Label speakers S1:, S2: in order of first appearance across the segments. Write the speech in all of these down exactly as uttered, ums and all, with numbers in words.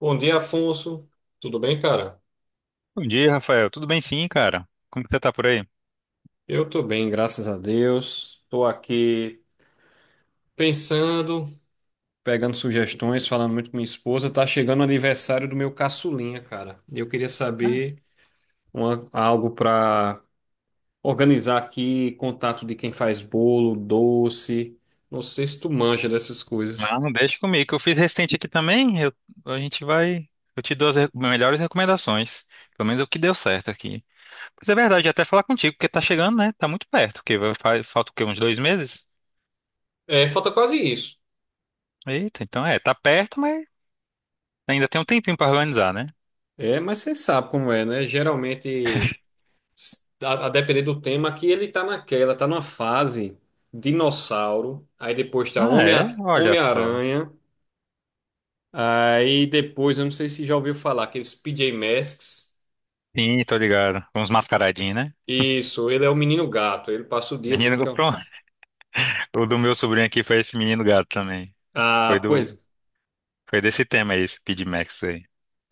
S1: Bom dia, Afonso. Tudo bem, cara?
S2: Bom dia, Rafael. Tudo bem sim, cara? Como que você tá por aí?
S1: Eu tô bem, graças a Deus. Tô aqui pensando, pegando sugestões, falando muito com minha esposa. Tá chegando o aniversário do meu caçulinha, cara. E eu queria saber uma- algo pra organizar aqui, contato de quem faz bolo, doce. Não sei se tu manja dessas
S2: Ah,
S1: coisas.
S2: não, deixa comigo. Que eu fiz recente aqui também. Eu- a gente vai. Eu te dou as re- melhores recomendações. Pelo menos é o que deu certo aqui. Mas é verdade, até falar contigo, porque tá chegando, né? Tá muito perto, porque vai- fa- falta o quê? Uns dois meses?
S1: É, falta quase isso.
S2: Eita, então é, tá perto, mas ainda tem um tempinho pra organizar, né?
S1: É, mas você sabe como é, né? Geralmente. A, a depender do tema, que ele tá naquela, tá numa fase dinossauro, aí depois tá
S2: Ah,
S1: Homem,
S2: é? Olha só.
S1: Homem-Aranha, aí depois, eu não sei se já ouviu falar, aqueles P J Masks.
S2: Sim, tô ligado. Uns mascaradinhos, né?
S1: Isso, ele é o menino gato, ele passa o dia dizendo
S2: Menino,
S1: que é. um-
S2: pronto. O do meu sobrinho aqui foi esse menino gato também. Foi
S1: Ah,
S2: do.
S1: pois.
S2: Foi desse tema aí, esse PidMax.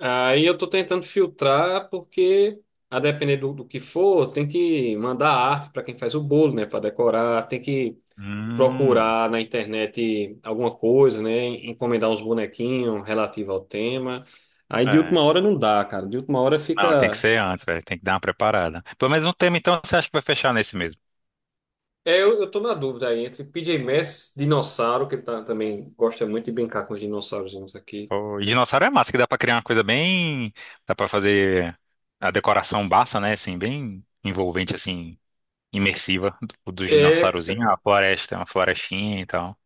S1: Aí eu tô tentando filtrar, porque a depender do, do que for, tem que mandar arte para quem faz o bolo, né, para decorar, tem que
S2: Hum,
S1: procurar na internet alguma coisa, né? Encomendar uns bonequinhos relativo ao tema. Aí de
S2: é.
S1: última hora não dá, cara. De última hora
S2: Não, tem que
S1: fica.
S2: ser antes, velho. Tem que dar uma preparada. Pelo menos no tema, então, você acha que vai fechar nesse mesmo?
S1: É, eu, eu tô na dúvida aí entre P J Masks, dinossauro, que ele tá, também gosta muito de brincar com os dinossaurozinhos aqui.
S2: O dinossauro é massa, que dá pra criar uma coisa bem. Dá pra fazer a decoração bassa, né? Assim, bem envolvente, assim, imersiva do- dos
S1: É,
S2: dinossaurozinhos. A floresta, uma florestinha e tal.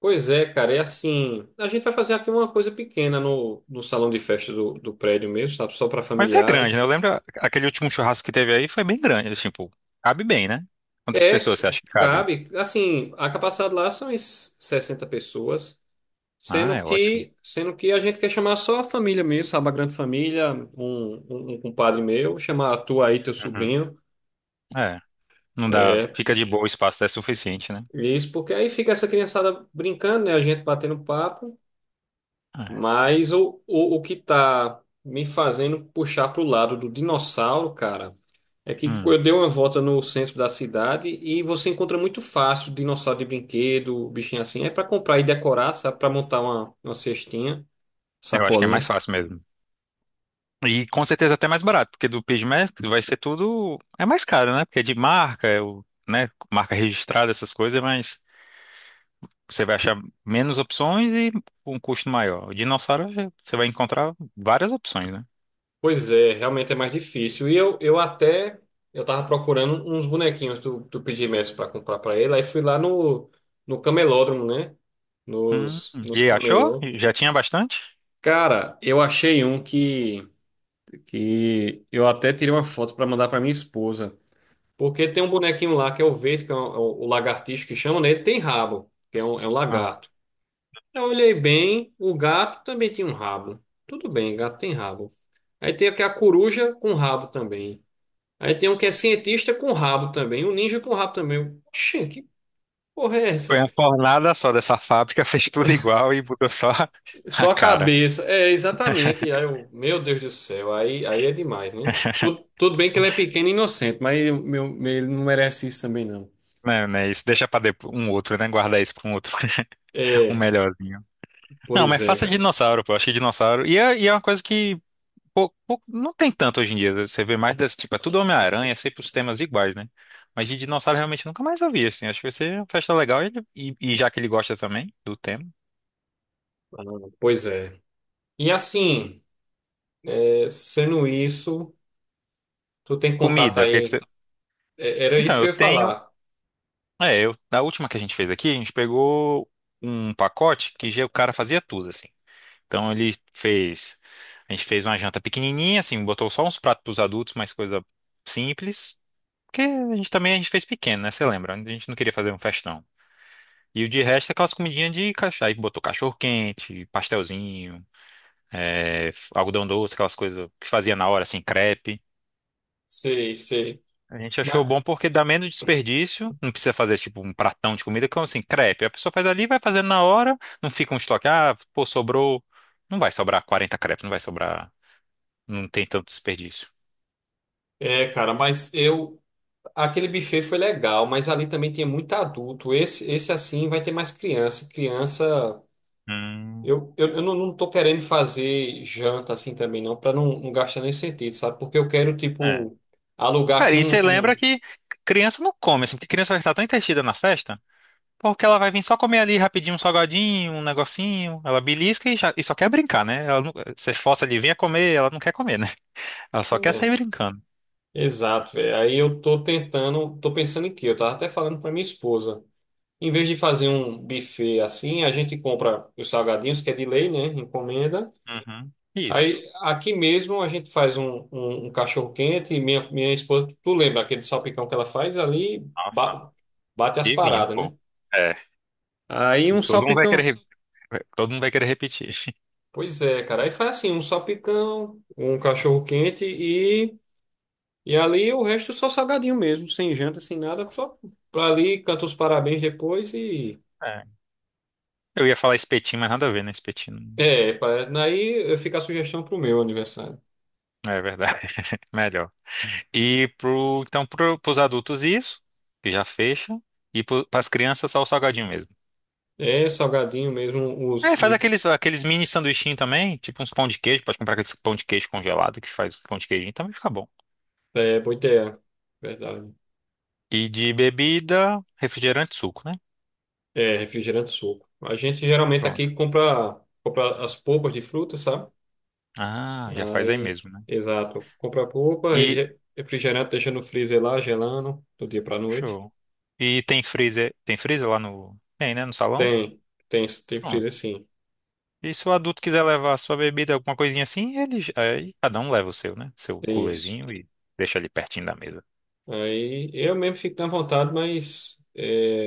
S1: pois é, cara, é assim. A gente vai fazer aqui uma coisa pequena no, no salão de festa do, do prédio mesmo, sabe? Só para
S2: Mas é grande, né? Eu
S1: familiares.
S2: lembro a- aquele último churrasco que teve aí foi bem grande. Tipo, cabe bem, né? Quantas
S1: É,
S2: pessoas você
S1: c-
S2: acha que cabe?
S1: cabe. Assim, a capacidade lá são es- sessenta pessoas.
S2: Ah,
S1: Sendo
S2: é ótimo.
S1: que, sendo que a gente quer chamar só a família mesmo, sabe? A grande família, um, um, um compadre meu, chamar tu aí, teu
S2: Uhum.
S1: sobrinho.
S2: É. Não dá.
S1: É,
S2: Fica de boa, o espaço é suficiente, né?
S1: isso, porque aí fica essa criançada brincando, né? A gente batendo papo.
S2: É.
S1: Mas o, o, o que tá me fazendo puxar pro lado do dinossauro, cara, é que
S2: Hum.
S1: eu dei uma volta no centro da cidade e você encontra muito fácil dinossauro de brinquedo, bichinho assim. É para comprar e decorar, sabe? Para montar uma, uma cestinha,
S2: Eu acho que é mais
S1: sacolinha.
S2: fácil mesmo. E com certeza até mais barato, porque do Piggmestre vai ser tudo. É mais caro, né? Porque é de marca, é o, né? Marca registrada, essas coisas, mas você vai achar menos opções e um custo maior. O dinossauro é- você vai encontrar várias opções, né?
S1: Pois é, realmente é mais difícil. E eu, eu até eu tava procurando uns bonequinhos do, do P J Masks para comprar para ele. Aí fui lá no, no camelódromo, né?
S2: Hum,
S1: Nos, nos
S2: e achou?
S1: camelô.
S2: Já tinha bastante?
S1: Cara, eu achei um que, que eu até tirei uma foto para mandar para minha esposa. Porque tem um bonequinho lá que é o verde, que é o, o lagartixo que chama, né? Ele tem rabo, que é um, é um
S2: Não.
S1: lagarto. Eu olhei bem, o gato também tinha um rabo. Tudo bem, gato tem rabo. Aí tem aqui a coruja com rabo também. Aí tem um que é cientista com rabo também, um ninja com rabo também. Eu, Oxê, que porra é
S2: Foi
S1: essa?
S2: uma fornada só dessa fábrica, fez tudo igual e mudou só a
S1: Só a
S2: cara.
S1: cabeça. É, exatamente. E aí eu, meu Deus do céu, aí, aí é demais, né? Tudo, tudo bem que ele é pequeno e inocente, mas eu- meu, meu- ele não merece isso também, não.
S2: Não, não é isso. Deixa pra depois, um outro, né? Guardar isso pra um outro, um
S1: É,
S2: melhorzinho. Não,
S1: pois
S2: mas
S1: é,
S2: faça
S1: cara.
S2: dinossauro, pô. Eu acho que dinossauro. E é, e é uma coisa que pou- pou- não tem tanto hoje em dia. Você vê mais desse tipo, é tudo Homem-Aranha, sempre os temas iguais, né? Mas de dinossauro realmente nunca mais ouvi, assim. Acho que vai ser uma festa legal e, e- e já que ele gosta também do tema.
S1: Ah, pois é. E assim, é, sendo isso, tu tem contato
S2: Comida, o que que você.
S1: aí. É, era
S2: Então,
S1: isso que
S2: eu
S1: eu ia
S2: tenho.
S1: falar.
S2: É, eu, da última que a gente fez aqui, a gente pegou um pacote que já o cara fazia tudo, assim. Então ele fez. A gente fez uma janta pequenininha, assim, botou só uns pratos pros adultos, mais coisa simples. Porque a gente também a gente fez pequeno, né? Você lembra? A gente não queria fazer um festão. E o de resto é aquelas comidinhas de cachorro. Aí botou cachorro quente, pastelzinho, é, f- algodão doce, aquelas coisas que fazia na hora, assim, crepe.
S1: Sei, sei.
S2: A gente achou
S1: Mas,
S2: bom porque dá menos desperdício, não precisa fazer tipo um pratão de comida, que é assim, crepe. A pessoa faz ali, vai fazendo na hora, não fica um estoque. Ah, pô, sobrou. Não vai sobrar quarenta crepes, não vai sobrar. Não tem tanto desperdício.
S1: é, cara, mas eu. Aquele buffet foi legal, mas ali também tinha muito adulto. Esse, esse assim vai ter mais criança. Criança,
S2: Hum,
S1: eu, eu, eu não, não tô querendo fazer janta assim também, não, para não, não gastar nem sentido, sabe? Porque eu quero,
S2: é.
S1: tipo, alugar
S2: Cara,
S1: aqui
S2: e você
S1: um,
S2: lembra
S1: um-
S2: que criança não come, assim, porque criança vai estar tão entretida na festa. Porque ela vai vir só comer ali rapidinho um salgadinho, um negocinho. Ela belisca e, já- e só quer brincar, né? Ela não- você força ali, venha comer, ela não quer comer, né? Ela só quer
S1: é,
S2: sair brincando.
S1: exato, velho. Aí eu tô tentando, tô pensando em quê? Eu tava até falando pra minha esposa. Em vez de fazer um buffet assim, a gente compra os salgadinhos, que é de lei, né? Encomenda.
S2: Uhum. Isso.
S1: Aí, aqui mesmo a gente faz um, um, um cachorro quente e minha, minha esposa, tu lembra aquele salpicão que ela faz ali,
S2: Nossa,
S1: ba- bate as
S2: divino,
S1: paradas,
S2: pô.
S1: né?
S2: É.
S1: Aí um
S2: Todo mundo vai
S1: salpicão.
S2: querer, re- todo mundo vai querer repetir.
S1: Pois é, cara. Aí faz assim, um salpicão, um cachorro quente e, e ali o resto só salgadinho mesmo, sem janta, sem nada, só pra ali, canta os parabéns depois e...
S2: É. Eu ia falar espetinho, mas nada a ver, né? Espetinho.
S1: É, pra- daí fica a sugestão pro meu aniversário.
S2: É verdade. Melhor. E pro, então, pro, pros adultos isso, que já fecha. E para as crianças só o salgadinho mesmo.
S1: É salgadinho mesmo, os,
S2: É, faz
S1: os
S2: aqueles, aqueles mini sanduichinhos também, tipo uns pão de queijo, pode comprar aqueles pão de queijo congelado que faz pão de queijinho, também fica bom.
S1: é, boiteia, verdade.
S2: E de bebida, refrigerante, e suco, né?
S1: É, refrigerante suco. A gente geralmente
S2: Pronto.
S1: aqui compra, compra as polpas de fruta, sabe?
S2: Ah, já faz aí
S1: Aí,
S2: mesmo, né?
S1: exato. Compra a polpa, re-
S2: E,
S1: re- refrigerante deixa no freezer lá, gelando, do dia pra noite.
S2: show. E tem freezer, tem freezer lá no, tem, né, no salão?
S1: Tem, tem, tem
S2: Pronto.
S1: freezer sim.
S2: E se o adulto quiser levar a sua bebida, alguma coisinha assim, ele, j- aí cada um leva o seu, né? Seu
S1: É isso.
S2: culezinho e deixa ali pertinho da mesa.
S1: Aí eu mesmo fico na vontade, mas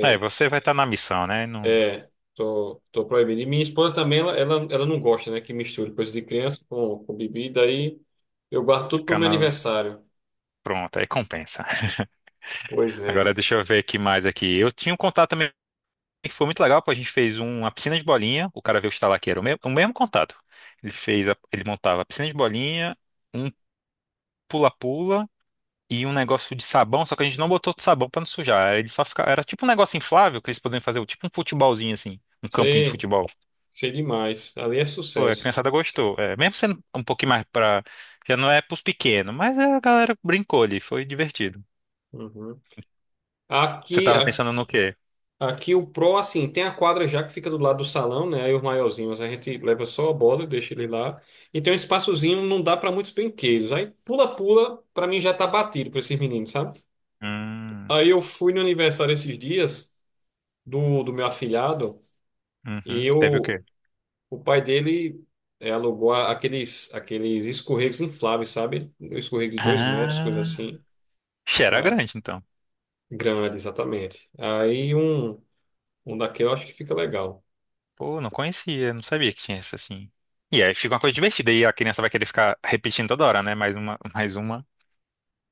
S2: Aí você vai estar na missão, né? Não
S1: é tô, tô proibido. E minha esposa também, ela, ela, ela não gosta, né, que misture coisa de criança com, com bebida. Aí eu guardo tudo pro
S2: ficar
S1: meu
S2: no...
S1: aniversário.
S2: Pronto, aí compensa.
S1: Pois é.
S2: Agora deixa eu ver aqui mais aqui. Eu tinha um contato também que foi muito legal, pô. A gente fez um- uma piscina de bolinha. O cara veio instalar que era o mesmo, o mesmo contato. Ele fez, a- ele montava a piscina de bolinha, um pula-pula e um negócio de sabão, só que a gente não botou sabão pra não sujar. Ele só ficava, era tipo um negócio inflável que eles podiam fazer, tipo um futebolzinho assim, um campinho de
S1: Sei.
S2: futebol.
S1: Sei demais. Ali é
S2: Pô, a
S1: sucesso.
S2: criançada gostou. É, mesmo sendo um pouquinho mais pra, já não é pros pequenos, mas a galera brincou ali, foi divertido.
S1: Uhum.
S2: Você
S1: Aqui,
S2: tava
S1: a-
S2: pensando no quê?
S1: aqui o pro, assim, tem a quadra já que fica do lado do salão, né? Aí os maiorzinhos a gente leva só a bola, deixa ele lá. E tem um espaçozinho, não dá para muitos brinquedos. Aí pula-pula, para mim já tá batido para esses meninos, sabe?
S2: Hum,
S1: Aí eu fui no aniversário esses dias do, do meu afilhado e
S2: uhum. Teve o
S1: eu,
S2: quê?
S1: o pai dele é, alugou a- aqueles, aqueles escorregos infláveis, sabe? Um escorrego de dois metros, coisa
S2: Ah,
S1: assim.
S2: ixi, era
S1: Ah,
S2: grande então.
S1: grande, exatamente. Aí um, um daquele eu acho que fica legal.
S2: Pô, não conhecia, não sabia que tinha isso assim. E aí fica uma coisa divertida e a criança vai querer ficar repetindo toda hora, né? Mais uma, mais uma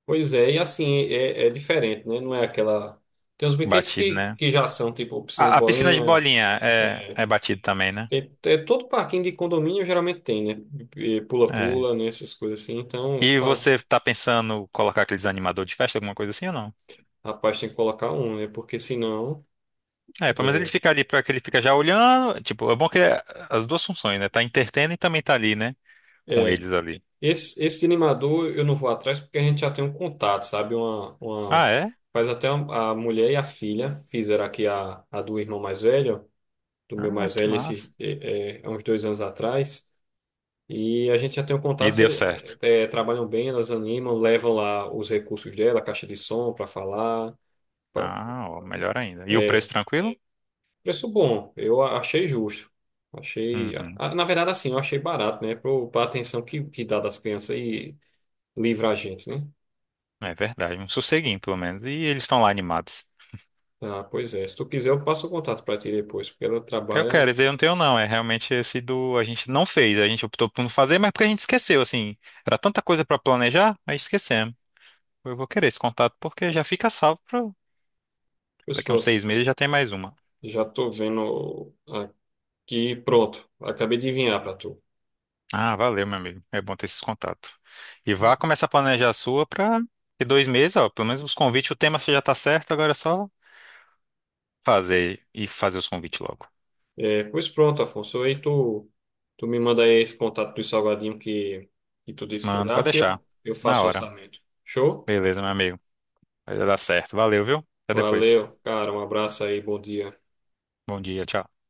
S1: Pois é, e assim, é, é diferente, né? Não é aquela. Tem uns brinquedos
S2: batida,
S1: que,
S2: né?
S1: que já são, tipo, piscina de
S2: A, a piscina de
S1: bolinha.
S2: bolinha é, é batida também, né?
S1: Tem, é, todo parquinho de condomínio geralmente tem, né? E
S2: É.
S1: pula-pula, né? Essas coisas assim. Então,
S2: E
S1: fala,
S2: você tá pensando colocar aqueles animador de festa, alguma coisa assim ou não?
S1: rapaz, tem que colocar um, né? Porque senão.
S2: É, pelo menos ele
S1: É,
S2: fica ali para que ele fica já olhando. Tipo, é bom que é as duas funções, né? Tá entretendo e também tá ali, né? Com
S1: é.
S2: eles ali.
S1: Esse, esse animador eu não vou atrás porque a gente já tem um contato, sabe? Uma, uma,
S2: Ah, é?
S1: faz até a a mulher e a filha fizeram aqui a, a do irmão mais velho. Do meu
S2: Ah,
S1: mais
S2: que
S1: velho esses,
S2: massa.
S1: é, é, há uns dois anos atrás. E a gente já tem um
S2: E
S1: contato que
S2: deu
S1: ele-
S2: certo.
S1: é, é, trabalham bem, elas animam, levam lá os recursos dela, a caixa de som para falar. Pa-
S2: Ah, ó, melhor ainda. E o preço tranquilo?
S1: Preço bom, eu a- achei justo. Achei, a-
S2: Uhum.
S1: a- na verdade, assim, eu achei barato, né? Para a atenção que, que dá das crianças e livra a gente, né?
S2: É verdade, um sosseguinho pelo menos. E eles estão lá animados.
S1: Ah, pois é. Se tu quiser, eu passo o contato para ti depois, porque ela
S2: Eu
S1: trabalha.
S2: quero dizer, eu não tenho não, é realmente esse do a gente não fez, a gente optou por não fazer, mas porque a gente esqueceu, assim, era tanta coisa pra planejar, aí esquecemos. Eu vou querer esse contato porque já fica salvo para
S1: Pois
S2: daqui a uns
S1: pronto,
S2: seis meses já tem mais uma.
S1: já tô vendo aqui, pronto. Acabei de enviar para tu.
S2: Ah, valeu, meu amigo. É bom ter esses contatos. E vá começar a planejar a sua pra ter dois meses, ó, pelo menos os convites, o tema você já tá certo, agora é só fazer e fazer os convites logo.
S1: É, pois pronto, Afonso. Aí tu, tu me manda aí esse contato do salgadinho que, que tu disse que ia
S2: Mano,
S1: dar,
S2: pode
S1: porque
S2: deixar.
S1: eu, eu
S2: Na
S1: faço
S2: hora.
S1: orçamento. Show?
S2: Beleza, meu amigo. Vai dar certo. Valeu, viu? Até depois.
S1: Valeu, cara. Um abraço aí, bom dia.
S2: Bom dia, tchau.